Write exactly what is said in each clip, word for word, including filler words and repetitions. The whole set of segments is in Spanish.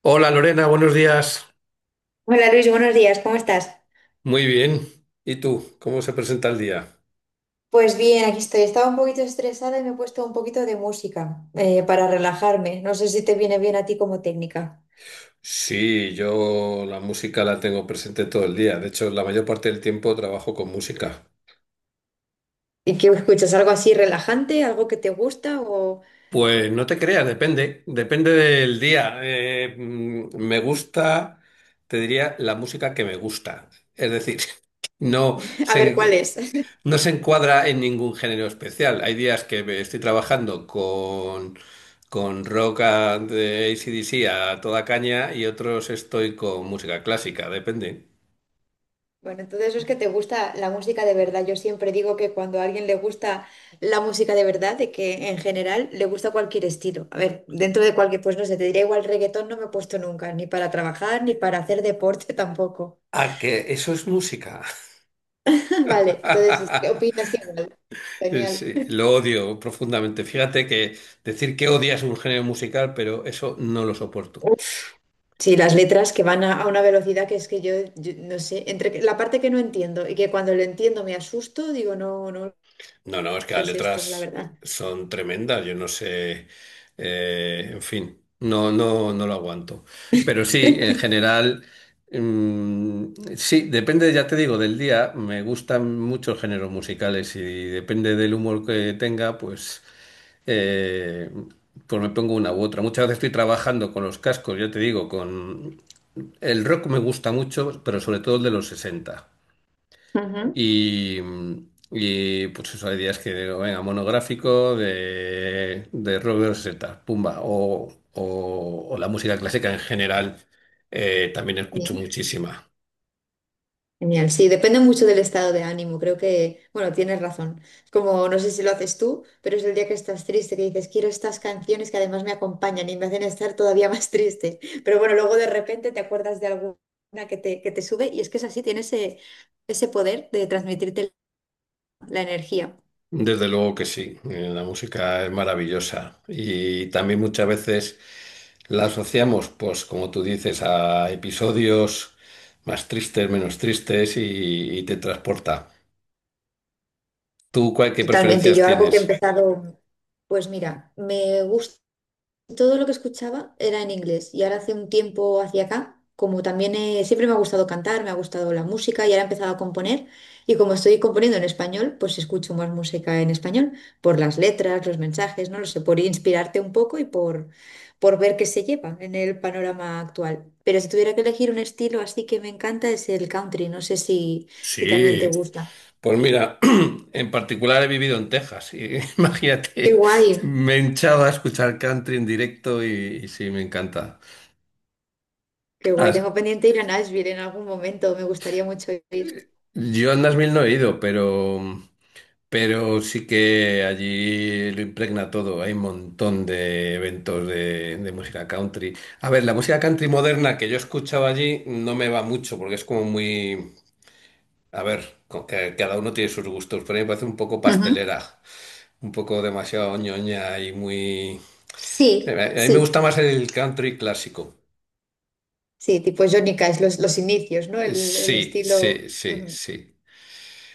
Hola Lorena, buenos días. Hola Luis, buenos días, ¿cómo estás? Muy bien. ¿Y tú? ¿Cómo se presenta el día? Pues bien, aquí estoy. Estaba un poquito estresada y me he puesto un poquito de música eh, para relajarme. No sé si te viene bien a ti como técnica. Sí, yo la música la tengo presente todo el día. De hecho, la mayor parte del tiempo trabajo con música. ¿Y qué escuchas? ¿Algo así relajante? ¿Algo que te gusta? O Pues no te creas, depende, depende del día. Eh, mm, me gusta, te diría, la música que me gusta. Es decir, no a ver cuál sé. es. No se encuadra en ningún género especial. Hay días que me estoy trabajando con, con rock a- de A C/D C a toda caña y otros estoy con música clásica, depende. Bueno, entonces eso es que te gusta la música de verdad. Yo siempre digo que cuando a alguien le gusta la música de verdad, de que en general le gusta cualquier estilo. A ver, dentro de cualquier, pues no sé, te diría igual reggaetón no me he puesto nunca, ni para trabajar, ni para hacer deporte tampoco. Ah, que eso es música. Vale, entonces qué opinas igual. Genial. Sí, lo odio profundamente. Fíjate que decir que odias un género musical, pero eso no lo soporto. Uf, sí, las letras que van a, a una velocidad que es que yo, yo no sé, entre que- la parte que no entiendo y que cuando lo entiendo me asusto, digo, no, no, No, no, es que ¿qué las es esto? La letras verdad. son tremendas, yo no sé, eh, en fin, no, no, no lo aguanto. Pero sí, en general, mm, sí, depende, ya te digo, del día, me gustan muchos géneros musicales y depende del humor que tenga, pues, eh, pues me pongo una u otra. Muchas veces estoy trabajando con los cascos, ya te digo, con el rock me gusta mucho, pero sobre todo el de los sesenta. Ujú. Y, mm, y, pues eso, hay días que digo, venga, monográfico de, de Robert Z, pumba, o, o- o la música clásica en general, eh, también escucho Bien. muchísima. Genial, sí, depende mucho del estado de ánimo. Creo que, bueno, tienes razón. Como no sé si lo haces tú, pero es el día que estás triste, que dices, quiero estas canciones que además me acompañan y me hacen estar todavía más triste. Pero bueno, luego de repente te acuerdas de alguna que te, que te sube y es que es así, tiene ese, ese poder de transmitirte la energía. Desde luego que sí, eh, la música es maravillosa y también muchas veces la asociamos, pues como tú dices, a episodios más tristes, menos tristes y, y te transporta. ¿Tú cuál, qué Totalmente, preferencias yo algo que he tienes? empezado, pues mira, me gusta. Todo lo que escuchaba era en inglés y ahora hace un tiempo hacia acá, como también eh, siempre me ha gustado cantar, me ha gustado la música y ahora he empezado a componer y como estoy componiendo en español, pues escucho más música en español por las letras, los mensajes, no lo sé, por inspirarte un poco y por, por ver qué se lleva en el panorama actual. Pero si tuviera que elegir un estilo así que me encanta es el country, no sé si, si también te Sí. gusta. Pues mira, en particular he vivido en Texas y Qué imagínate, guay, me he hinchado a escuchar country en directo y, y sí, me encanta. qué guay, Ah, tengo pendiente ir a Nashville en algún momento, me gustaría mucho ir. yo a Nashville no he ido, pero, pero sí que allí lo impregna todo. Hay un montón de eventos de, de música country. A ver, la música country moderna que yo escuchaba allí no me va mucho porque es como muy... A ver, co- que- cada uno tiene sus gustos, pero a mí me parece un poco Ujú. pastelera, un poco demasiado ñoña y muy... Eh, Sí, A a mí me sí, gusta más el country clásico. sí, tipo Johnny Cash, los, los inicios, ¿no? Eh, El, el Sí, estilo. sí, sí, Ujú, sí.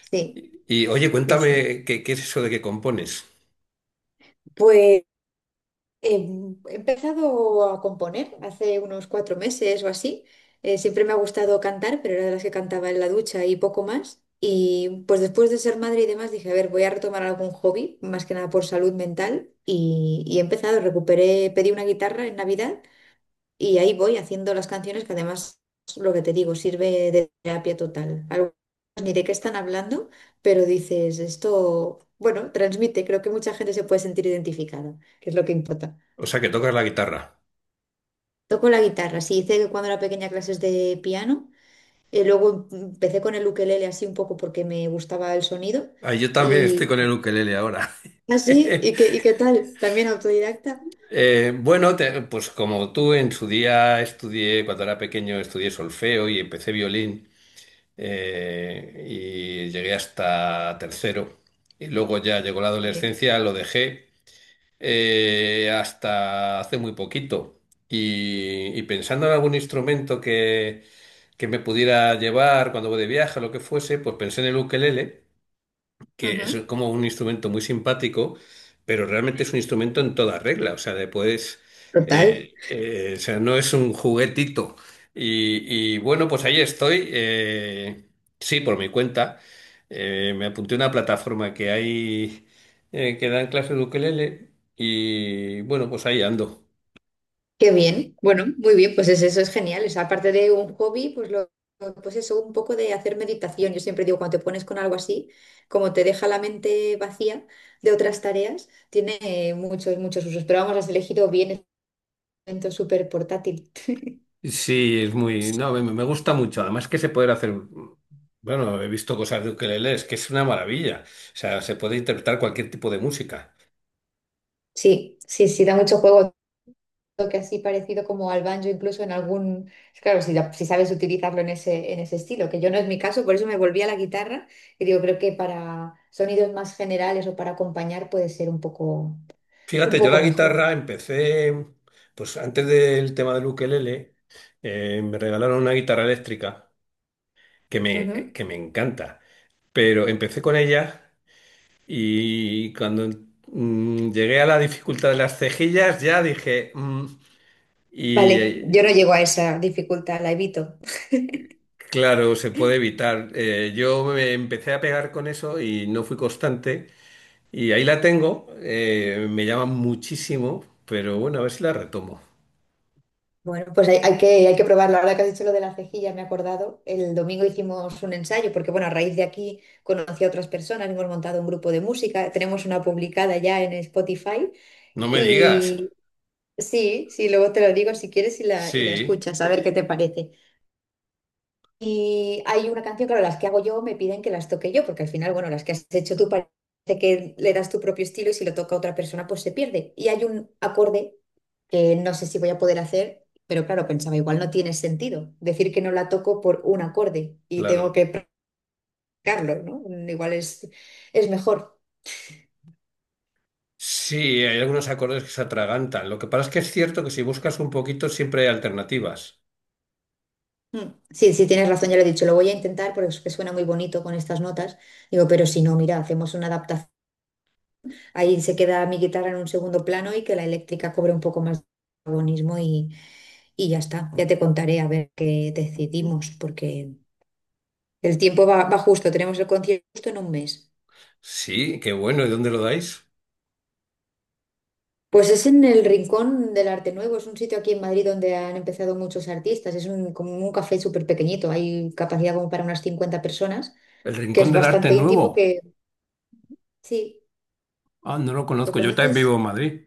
Sí, Y oye, sí, sí. cuéntame, ¿qué, qué es eso de que compones? Pues eh, he empezado a componer hace unos cuatro meses o así. Eh, siempre me ha gustado cantar, pero era de las que cantaba en la ducha y poco más. Y pues después de ser madre y demás dije, a ver, voy a retomar algún hobby, más que nada por salud mental. Y, y he empezado, recuperé, pedí una guitarra en Navidad Y ahí voy haciendo las canciones que además, lo que te digo, sirve de terapia total. Algunas ni de qué están hablando, pero dices, esto, bueno, transmite, creo que mucha gente se puede sentir identificada, que es lo que importa. O sea, que tocas la guitarra. Toco la guitarra, sí, hice que cuando era pequeña clases de piano, eh, luego em- empecé con el ukelele así un poco porque me gustaba el sonido Ah, yo también estoy y con el ukelele ahora. así, ¿y qué, y qué tal? También autodidacta. Eh, bueno, te- pues como tú en su día estudié, cuando era pequeño, estudié solfeo y empecé violín, eh, y llegué hasta tercero. Y luego ya llegó la Muy bien. adolescencia, lo dejé, eh, hasta hace muy poquito. Y, y pensando en algún instrumento que, que me pudiera llevar cuando voy de viaje o lo que fuese, pues pensé en el ukelele que es Ujú. como un instrumento muy simpático, pero realmente es un instrumento en toda regla, o sea, le puedes, Total. eh, eh, o sea, no es un juguetito. Y, y bueno, pues ahí estoy, eh, sí, por mi cuenta. Eh, me apunté a una plataforma que hay, eh, que dan clases de ukelele y bueno, pues ahí ando. Qué bien, bueno, muy bien, pues es- eso es genial. O sea, aparte de un hobby, pues lo, lo- pues eso, un poco de hacer meditación. Yo siempre digo, cuando te pones con algo así, como te deja la mente vacía de otras tareas, tiene eh, muchos, muchos usos. Pero vamos, has elegido bien, es momento súper portátil. Sí, es muy, no, me me gusta mucho, además que se puede hacer... Bueno, he visto cosas de ukelele, es que es una maravilla. O sea, se puede interpretar cualquier tipo de música. Sí, sí, sí, da mucho juego. Que así parecido como al banjo, incluso en algún, claro, si, si sabes utilizarlo en ese, en ese estilo, que yo no es mi caso, por eso me volví a la guitarra y digo, creo que para sonidos más generales o para acompañar puede ser un poco, un Fíjate, yo la poco mejor. guitarra empecé, pues antes del tema del ukelele, eh, me regalaron una guitarra eléctrica que me, Ujú. que me encanta, pero empecé con ella y cuando mm, llegué a la dificultad de las cejillas ya dije, mm, y Vale, yo eh, no llego a esa dificultad, la evito. claro, se puede evitar. Eh, yo me empecé a pegar con eso y no fui constante y ahí la tengo, eh, me llama muchísimo, pero bueno, a ver si la retomo. Bueno, pues hay, hay que, hay que probarlo. Ahora que has dicho lo de la cejilla, me he acordado. El domingo hicimos un ensayo, porque bueno, a raíz de aquí conocí a otras personas, hemos montado un grupo de música, tenemos una publicada ya en Spotify. No me digas, Y Sí, sí, luego te lo digo si quieres y la, y la sí. escuchas, a ver qué te parece. Y hay una canción, claro, las que hago yo me piden que las toque yo, porque al final, bueno, las que has hecho tú parece que le das tu propio estilo y si lo toca otra persona, pues se pierde. Y hay un acorde que no sé si voy a poder hacer, pero claro, pensaba, igual no tiene sentido decir que no la toco por un acorde y tengo Claro. que practicarlo, ¿no? Mm, Igual es, es mejor. Sí, hay algunos acordes que se atragantan. Lo que pasa es que es cierto que si buscas un poquito siempre hay alternativas. Mm, sí, sí, tienes razón, ya lo he dicho, lo voy a intentar porque es que suena muy bonito con estas notas. Digo, pero si no, mira, hacemos una adaptación. Ahí se queda mi guitarra en un segundo plano y que la eléctrica cobre un poco más de protagonismo y, y ya está. Ya te contaré a ver qué decidimos, porque el tiempo va, va justo. Tenemos el concierto justo en un mes. Sí, qué bueno. ¿Y dónde lo dais? Pues es en el Rincón del Arte Nuevo, es un sitio aquí en Madrid donde han empezado muchos artistas. Es un, como un café súper pequeñito, hay capacidad como para unas cincuenta personas, El que es Rincón del Arte bastante íntimo, Nuevo. que sí, Ah, no lo ¿lo conozco. Yo también vivo conoces? en Madrid.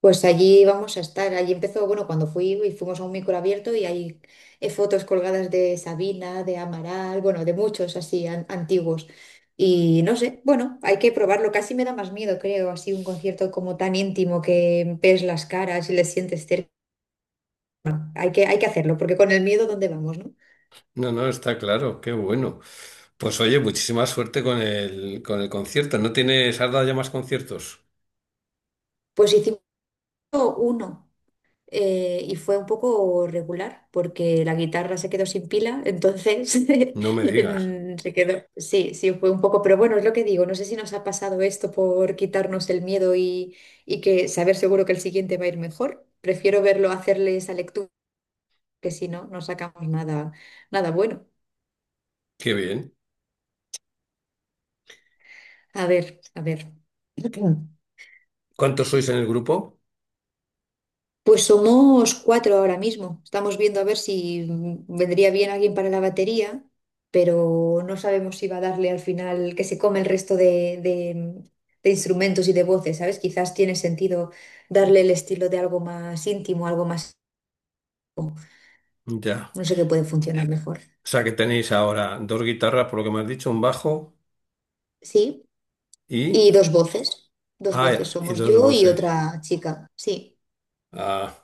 Pues allí vamos a estar. Allí empezó, bueno, cuando fui y fuimos a un micro abierto y hay eh, fotos colgadas de Sabina, de Amaral, bueno, de muchos así an- antiguos. Y no sé, bueno, hay que probarlo. Casi me da más miedo, creo, así un concierto como tan íntimo que ves las caras y les sientes cerca. Hay que, hay que hacerlo, porque con el miedo, ¿dónde vamos, no? No, no, está claro. Qué bueno. Pues oye, muchísima suerte con el, con el concierto. ¿No tienes, has dado ya más conciertos? Pues hicimos uno. Eh, y fue un poco regular porque la guitarra se quedó sin pila, entonces No me digas. en- se quedó. Sí, sí, fue un poco, pero bueno, es lo que digo, no sé si nos ha pasado esto por quitarnos el miedo y, y que saber seguro que el siguiente va a ir mejor. Prefiero verlo hacerle esa lectura, que si no, no sacamos nada, nada bueno. Qué bien. A ver, a ver. ¿Cuántos sois en el grupo? Pues somos cuatro ahora mismo. Estamos viendo a ver si mm, vendría bien alguien para la batería, pero no sabemos si va a darle al final que se come el resto de, de- de instrumentos y de voces, ¿sabes? Quizás tiene sentido darle el estilo de algo más íntimo, algo más, Ya. no sé qué puede funcionar mejor. O sea que tenéis ahora dos guitarras, por lo que me has dicho, un bajo Sí, y y... dos voces. Dos voces Ah, y somos dos yo y voces. otra chica. Sí. Ah,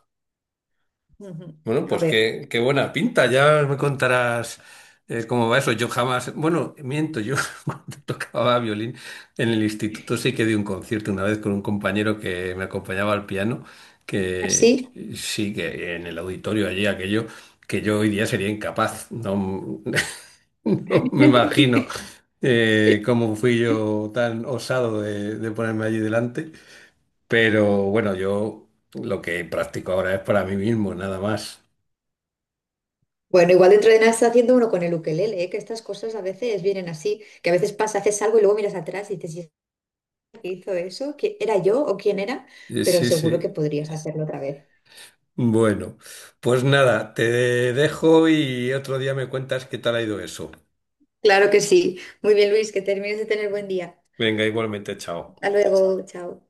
Ujú. bueno, A pues ver. qué, qué buena pinta. Ya me contarás, eh, cómo va eso. Yo jamás, bueno, miento, yo cuando tocaba violín en el instituto sí que di un concierto una vez con un compañero que me acompañaba al piano, que ¿Así? sí que en el auditorio allí aquello que yo hoy día sería incapaz. No, no me imagino eh, cómo fui yo tan osado de, de ponerme allí delante. Pero bueno, yo lo que practico ahora es para mí mismo, nada más. Bueno, igual dentro de nada está haciendo uno con el ukelele, ¿eh? Que estas cosas a veces vienen así, que a veces pasa, haces algo y luego miras atrás y dices, "¿Y esta que hizo eso? ¿Qui- Era yo o quién era? Eh, Pero Sí, seguro que sí. podrías hacerlo otra vez. Bueno, pues nada, te dejo y otro día me cuentas qué tal ha ido eso. Claro que sí. Muy bien, Luis, que termines de tener buen día. Venga, igualmente, chao. Hasta luego, chao.